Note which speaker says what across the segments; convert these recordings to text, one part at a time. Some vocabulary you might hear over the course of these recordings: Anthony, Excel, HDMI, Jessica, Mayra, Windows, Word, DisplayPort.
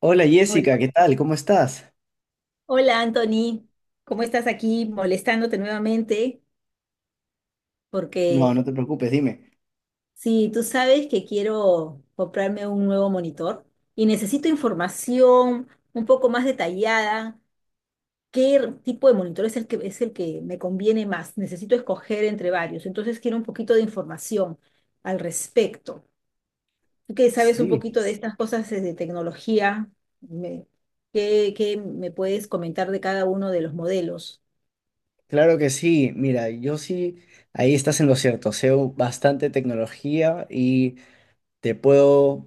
Speaker 1: Hola
Speaker 2: Hola,
Speaker 1: Jessica, ¿qué tal? ¿Cómo estás?
Speaker 2: hola Anthony, ¿cómo estás aquí molestándote nuevamente?
Speaker 1: No,
Speaker 2: Porque
Speaker 1: no te preocupes, dime.
Speaker 2: sí, tú sabes que quiero comprarme un nuevo monitor y necesito información un poco más detallada, qué tipo de monitor es el que me conviene más. Necesito escoger entre varios, entonces quiero un poquito de información al respecto. Tú que sabes un
Speaker 1: Sí,
Speaker 2: poquito de estas cosas de tecnología, me- ¿qué me puedes comentar de cada uno de los modelos?
Speaker 1: claro que sí. Mira, yo sí, ahí estás en lo cierto. Sé bastante tecnología y Te puedo,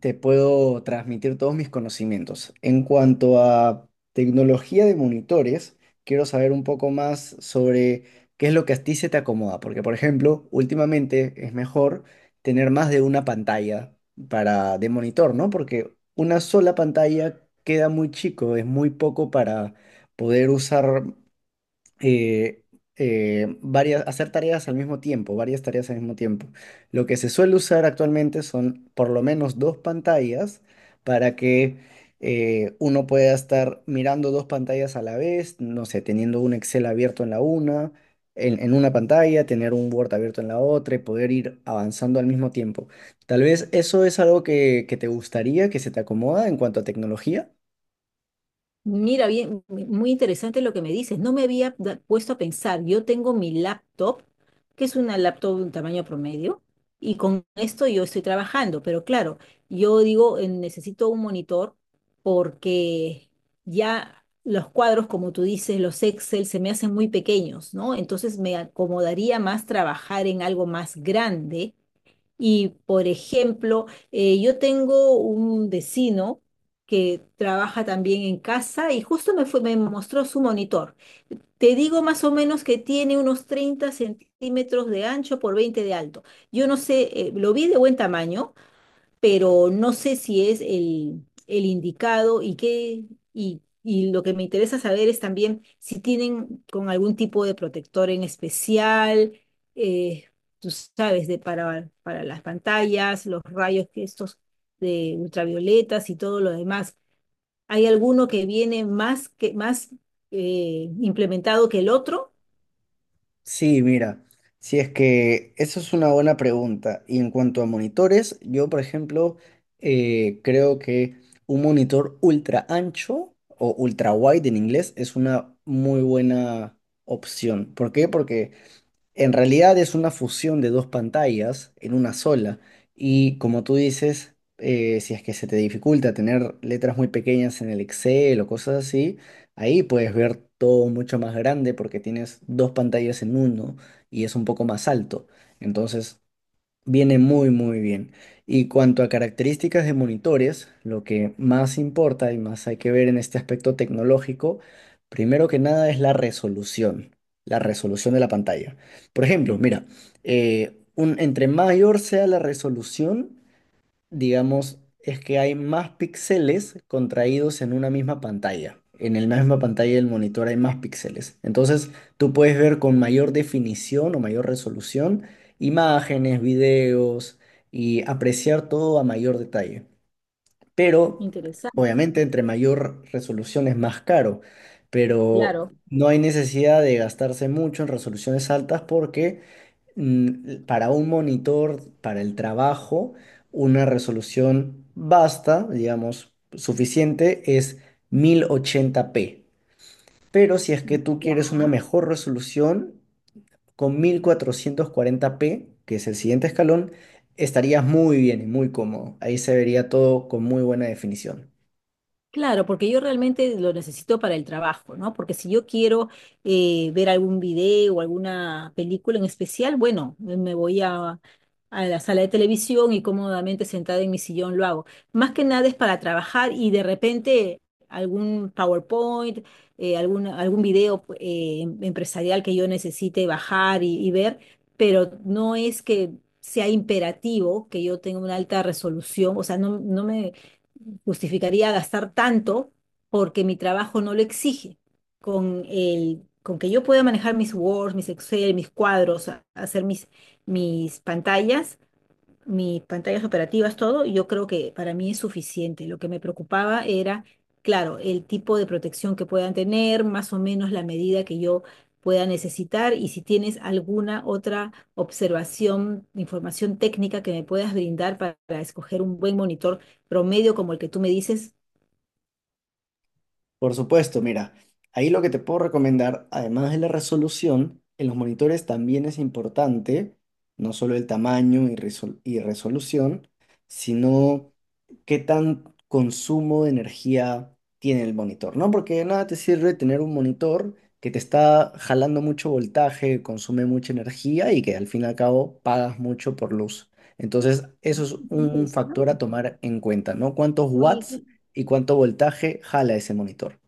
Speaker 1: te puedo transmitir todos mis conocimientos. En cuanto a tecnología de monitores, quiero saber un poco más sobre qué es lo que a ti se te acomoda, porque por ejemplo, últimamente es mejor tener más de una pantalla para de monitor, ¿no? Porque una sola pantalla queda muy chico, es muy poco para poder usar eh, varias, hacer tareas al mismo tiempo, varias tareas al mismo tiempo. Lo que se suele usar actualmente son por lo menos dos pantallas para que uno pueda estar mirando dos pantallas a la vez, no sé, teniendo un Excel abierto en la una, en una pantalla, tener un Word abierto en la otra y poder ir avanzando al mismo tiempo. Tal vez eso es algo que te gustaría, que se te acomoda en cuanto a tecnología.
Speaker 2: Mira, bien, muy interesante lo que me dices. No me había puesto a pensar. Yo tengo mi laptop, que es una laptop de un tamaño promedio, y con esto yo estoy trabajando. Pero claro, yo digo, necesito un monitor porque ya los cuadros, como tú dices, los Excel se me hacen muy pequeños, ¿no? Entonces me acomodaría más trabajar en algo más grande y, por ejemplo, yo tengo un vecino que trabaja también en casa y justo me mostró su monitor. Te digo más o menos que tiene unos 30 centímetros de ancho por 20 de alto. Yo no sé, lo vi de buen tamaño, pero no sé si es el indicado y y lo que me interesa saber es también si tienen con algún tipo de protector en especial, eh, tú sabes, para las pantallas, los rayos que estos de ultravioletas y todo lo demás. ¿Hay alguno que viene más implementado que el otro?
Speaker 1: Sí, mira, si es que eso es una buena pregunta. Y en cuanto a monitores, yo, por ejemplo, creo que un monitor ultra ancho o ultra wide en inglés es una muy buena opción. ¿Por qué? Porque en realidad es una fusión de dos pantallas en una sola y, como tú dices, si es que se te dificulta tener letras muy pequeñas en el Excel o cosas así, ahí puedes ver todo mucho más grande porque tienes dos pantallas en uno y es un poco más alto. Entonces, viene muy muy bien. Y cuanto a características de monitores, lo que más importa y más hay que ver en este aspecto tecnológico, primero que nada es la resolución de la pantalla. Por ejemplo, mira, entre mayor sea la resolución, digamos, es que hay más píxeles contraídos en una misma pantalla. En la misma pantalla del monitor hay más píxeles. Entonces, tú puedes ver con mayor definición o mayor resolución imágenes, videos y apreciar todo a mayor detalle. Pero,
Speaker 2: Interesante,
Speaker 1: obviamente, entre mayor resolución es más caro, pero
Speaker 2: claro.
Speaker 1: no hay necesidad de gastarse mucho en resoluciones altas porque para un monitor, para el trabajo, una resolución basta, digamos, suficiente es 1080p. Pero si es que tú quieres una
Speaker 2: Ya.
Speaker 1: mejor resolución, con 1440p, que es el siguiente escalón, estarías muy bien y muy cómodo. Ahí se vería todo con muy buena definición.
Speaker 2: Claro, porque yo realmente lo necesito para el trabajo, ¿no? Porque si yo quiero ver algún video o alguna película en especial, bueno, a la sala de televisión y cómodamente sentada en mi sillón lo hago. Más que nada es para trabajar y de repente algún PowerPoint, algún video empresarial que yo necesite bajar y ver, pero no es que sea imperativo que yo tenga una alta resolución, o sea, no, no me justificaría gastar tanto porque mi trabajo no lo exige. Con que yo pueda manejar mis Word, mis Excel, mis cuadros, hacer mis pantallas, mis pantallas operativas, todo, yo creo que para mí es suficiente. Lo que me preocupaba era, claro, el tipo de protección que puedan tener, más o menos la medida que yo pueda necesitar y si tienes alguna otra observación, información técnica que me puedas brindar para escoger un buen monitor promedio como el que tú me dices.
Speaker 1: Por supuesto, mira, ahí lo que te puedo recomendar, además de la resolución, en los monitores también es importante, no solo el tamaño y, resolución, sino qué tan consumo de energía tiene el monitor, ¿no? Porque de nada te sirve tener un monitor que te está jalando mucho voltaje, consume mucha energía y que al fin y al cabo pagas mucho por luz. Entonces, eso
Speaker 2: Ah,
Speaker 1: es
Speaker 2: qué
Speaker 1: un
Speaker 2: interesante.
Speaker 1: factor a tomar en cuenta, ¿no? ¿Cuántos
Speaker 2: Oye,
Speaker 1: watts? Y cuánto voltaje jala ese monitor.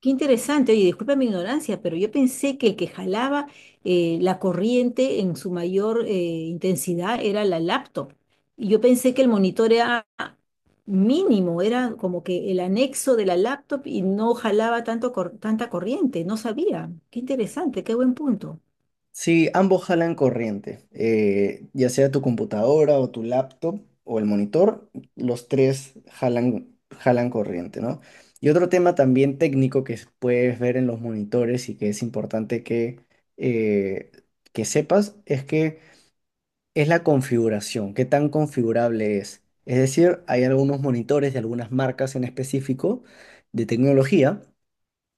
Speaker 2: qué interesante, oye, disculpa mi ignorancia, pero yo pensé que el que jalaba la corriente en su mayor intensidad era la laptop. Y yo pensé que el monitor era mínimo, era como que el anexo de la laptop y no jalaba tanta corriente, no sabía. Qué interesante, qué buen punto.
Speaker 1: Si ambos jalan corriente, ya sea tu computadora o tu laptop o el monitor, los tres jalan corriente, ¿no? Y otro tema también técnico que puedes ver en los monitores y que es importante eh, que sepas es que es la configuración, qué tan configurable es. Es decir, hay algunos monitores de algunas marcas en específico de tecnología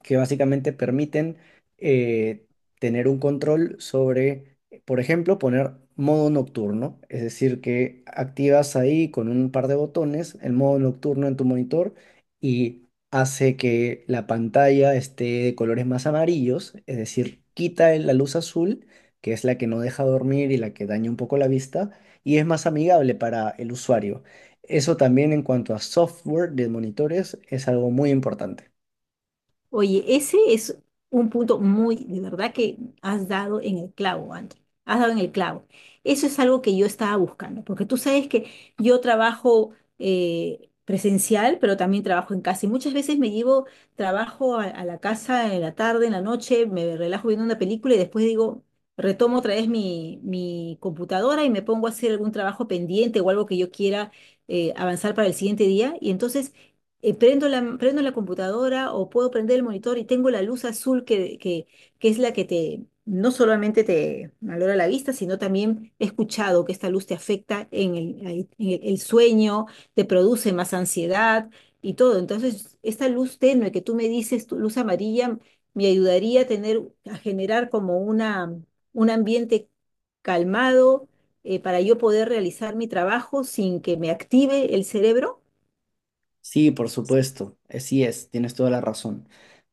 Speaker 1: que básicamente permiten eh, tener un control sobre, por ejemplo, poner modo nocturno, es decir, que activas ahí con un par de botones el modo nocturno en tu monitor y hace que la pantalla esté de colores más amarillos, es decir, quita la luz azul, que es la que no deja dormir y la que daña un poco la vista, y es más amigable para el usuario. Eso también en cuanto a software de monitores es algo muy importante.
Speaker 2: Oye, ese es un punto muy, de verdad que has dado en el clavo, André. Has dado en el clavo. Eso es algo que yo estaba buscando, porque tú sabes que yo trabajo presencial, pero también trabajo en casa. Y muchas veces me llevo trabajo a la casa en la tarde, en la noche, me relajo viendo una película y después digo, retomo otra vez mi computadora y me pongo a hacer algún trabajo pendiente o algo que yo quiera avanzar para el siguiente día. Y entonces prendo la computadora o puedo prender el monitor y tengo la luz azul que es la que te, no solamente te valora la vista, sino también he escuchado que esta luz te afecta en el, ahí- en el sueño, te produce más ansiedad y todo. Entonces, esta luz tenue que tú me dices, tu luz amarilla, me ayudaría a tener, a generar como una, un ambiente calmado. Eh, para yo poder realizar mi trabajo sin que me active el cerebro.
Speaker 1: Sí, por supuesto, sí es, tienes toda la razón.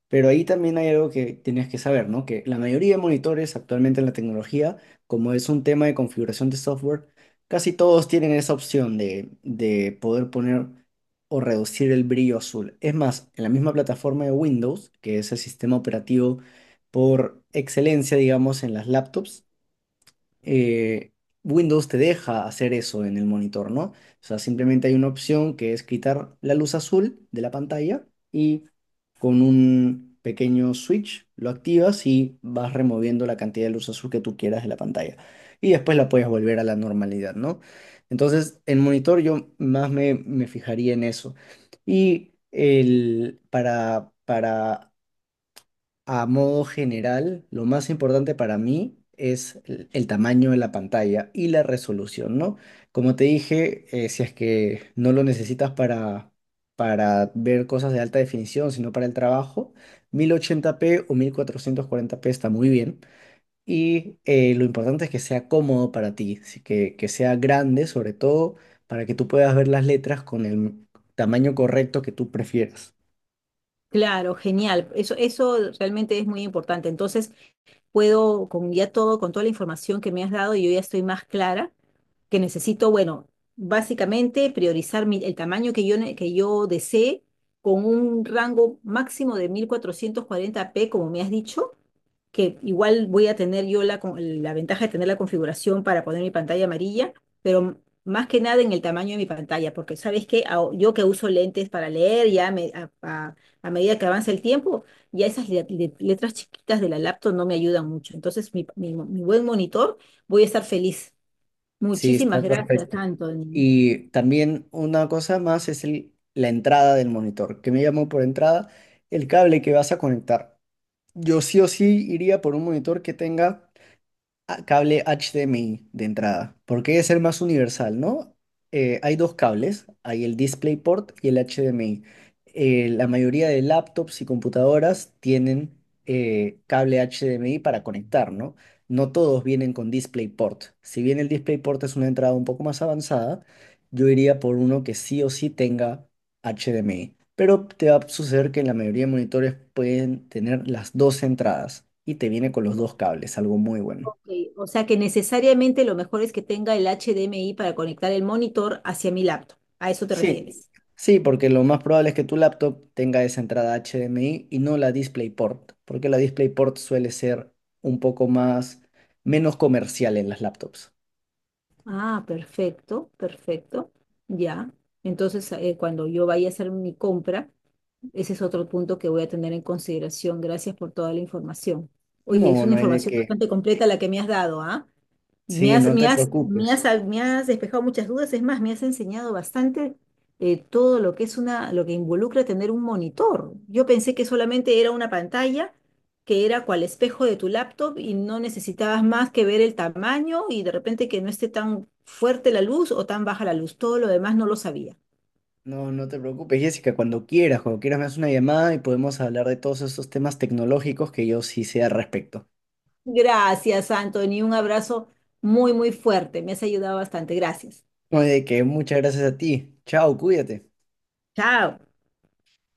Speaker 1: Pero ahí también hay algo que tenías que saber, ¿no? Que la mayoría de monitores actualmente en la tecnología, como es un tema de configuración de software, casi todos tienen esa opción de poder poner o reducir el brillo azul. Es más, en la misma plataforma de Windows, que es el sistema operativo por excelencia, digamos, en las laptops, eh, Windows te deja hacer eso en el monitor, ¿no? O sea, simplemente hay una opción que es quitar la luz azul de la pantalla y con un pequeño switch lo activas y vas removiendo la cantidad de luz azul que tú quieras de la pantalla. Y después la puedes volver a la normalidad, ¿no? Entonces, en monitor yo más me fijaría en eso. Y el, para a modo general, lo más importante para mí es el tamaño de la pantalla y la resolución, ¿no? Como te dije, si es que no lo necesitas para ver cosas de alta definición, sino para el trabajo, 1080p o 1440p está muy bien. Y lo importante es que sea cómodo para ti, así que sea grande sobre todo para que tú puedas ver las letras con el tamaño correcto que tú prefieras.
Speaker 2: Claro, genial. Eso realmente es muy importante. Entonces, puedo con ya todo, con toda la información que me has dado, yo ya estoy más clara que necesito, bueno, básicamente priorizar el tamaño que que yo desee con un rango máximo de 1440p, como me has dicho, que igual voy a tener yo la ventaja de tener la configuración para poner mi pantalla amarilla, pero más que nada en el tamaño de mi pantalla, porque sabes que yo que uso lentes para leer, a medida que avanza el tiempo, ya esas letras chiquitas de la laptop no me ayudan mucho. Entonces, mi buen monitor, voy a estar feliz.
Speaker 1: Sí,
Speaker 2: Muchísimas
Speaker 1: está
Speaker 2: gracias,
Speaker 1: perfecto.
Speaker 2: Anthony.
Speaker 1: Y también una cosa más es la entrada del monitor. ¿Que me llamo por entrada? El cable que vas a conectar. Yo sí o sí iría por un monitor que tenga cable HDMI de entrada, porque es el más universal, ¿no? Hay dos cables, hay el DisplayPort y el HDMI. La mayoría de laptops y computadoras tienen cable HDMI para conectar, ¿no? No todos vienen con DisplayPort. Si bien el DisplayPort es una entrada un poco más avanzada, yo iría por uno que sí o sí tenga HDMI. Pero te va a suceder que la mayoría de monitores pueden tener las dos entradas y te viene con los dos cables, algo muy bueno.
Speaker 2: Ok, o sea que necesariamente lo mejor es que tenga el HDMI para conectar el monitor hacia mi laptop. ¿A eso te
Speaker 1: Sí,
Speaker 2: refieres?
Speaker 1: sí, porque lo más probable es que tu laptop tenga esa entrada HDMI y no la DisplayPort, porque la DisplayPort suele ser un poco más, menos comercial en las laptops.
Speaker 2: Ah, perfecto, perfecto. Ya. Entonces, cuando yo vaya a hacer mi compra, ese es otro punto que voy a tener en consideración. Gracias por toda la información. Oye, es
Speaker 1: No,
Speaker 2: una
Speaker 1: no hay de
Speaker 2: información
Speaker 1: qué.
Speaker 2: bastante completa la que me has dado, ¿ah?
Speaker 1: Sí, no te preocupes.
Speaker 2: Me has despejado muchas dudas, es más, me has enseñado bastante todo lo que es una, lo que involucra tener un monitor. Yo pensé que solamente era una pantalla, que era cual espejo de tu laptop y no necesitabas más que ver el tamaño y de repente que no esté tan fuerte la luz o tan baja la luz. Todo lo demás no lo sabía.
Speaker 1: No, no te preocupes, Jessica, cuando quieras me haces una llamada y podemos hablar de todos esos temas tecnológicos que yo sí sé al respecto.
Speaker 2: Gracias, Anthony, un abrazo muy, muy fuerte. Me has ayudado bastante. Gracias.
Speaker 1: No hay de qué, muchas gracias a ti. Chao, cuídate.
Speaker 2: Chao.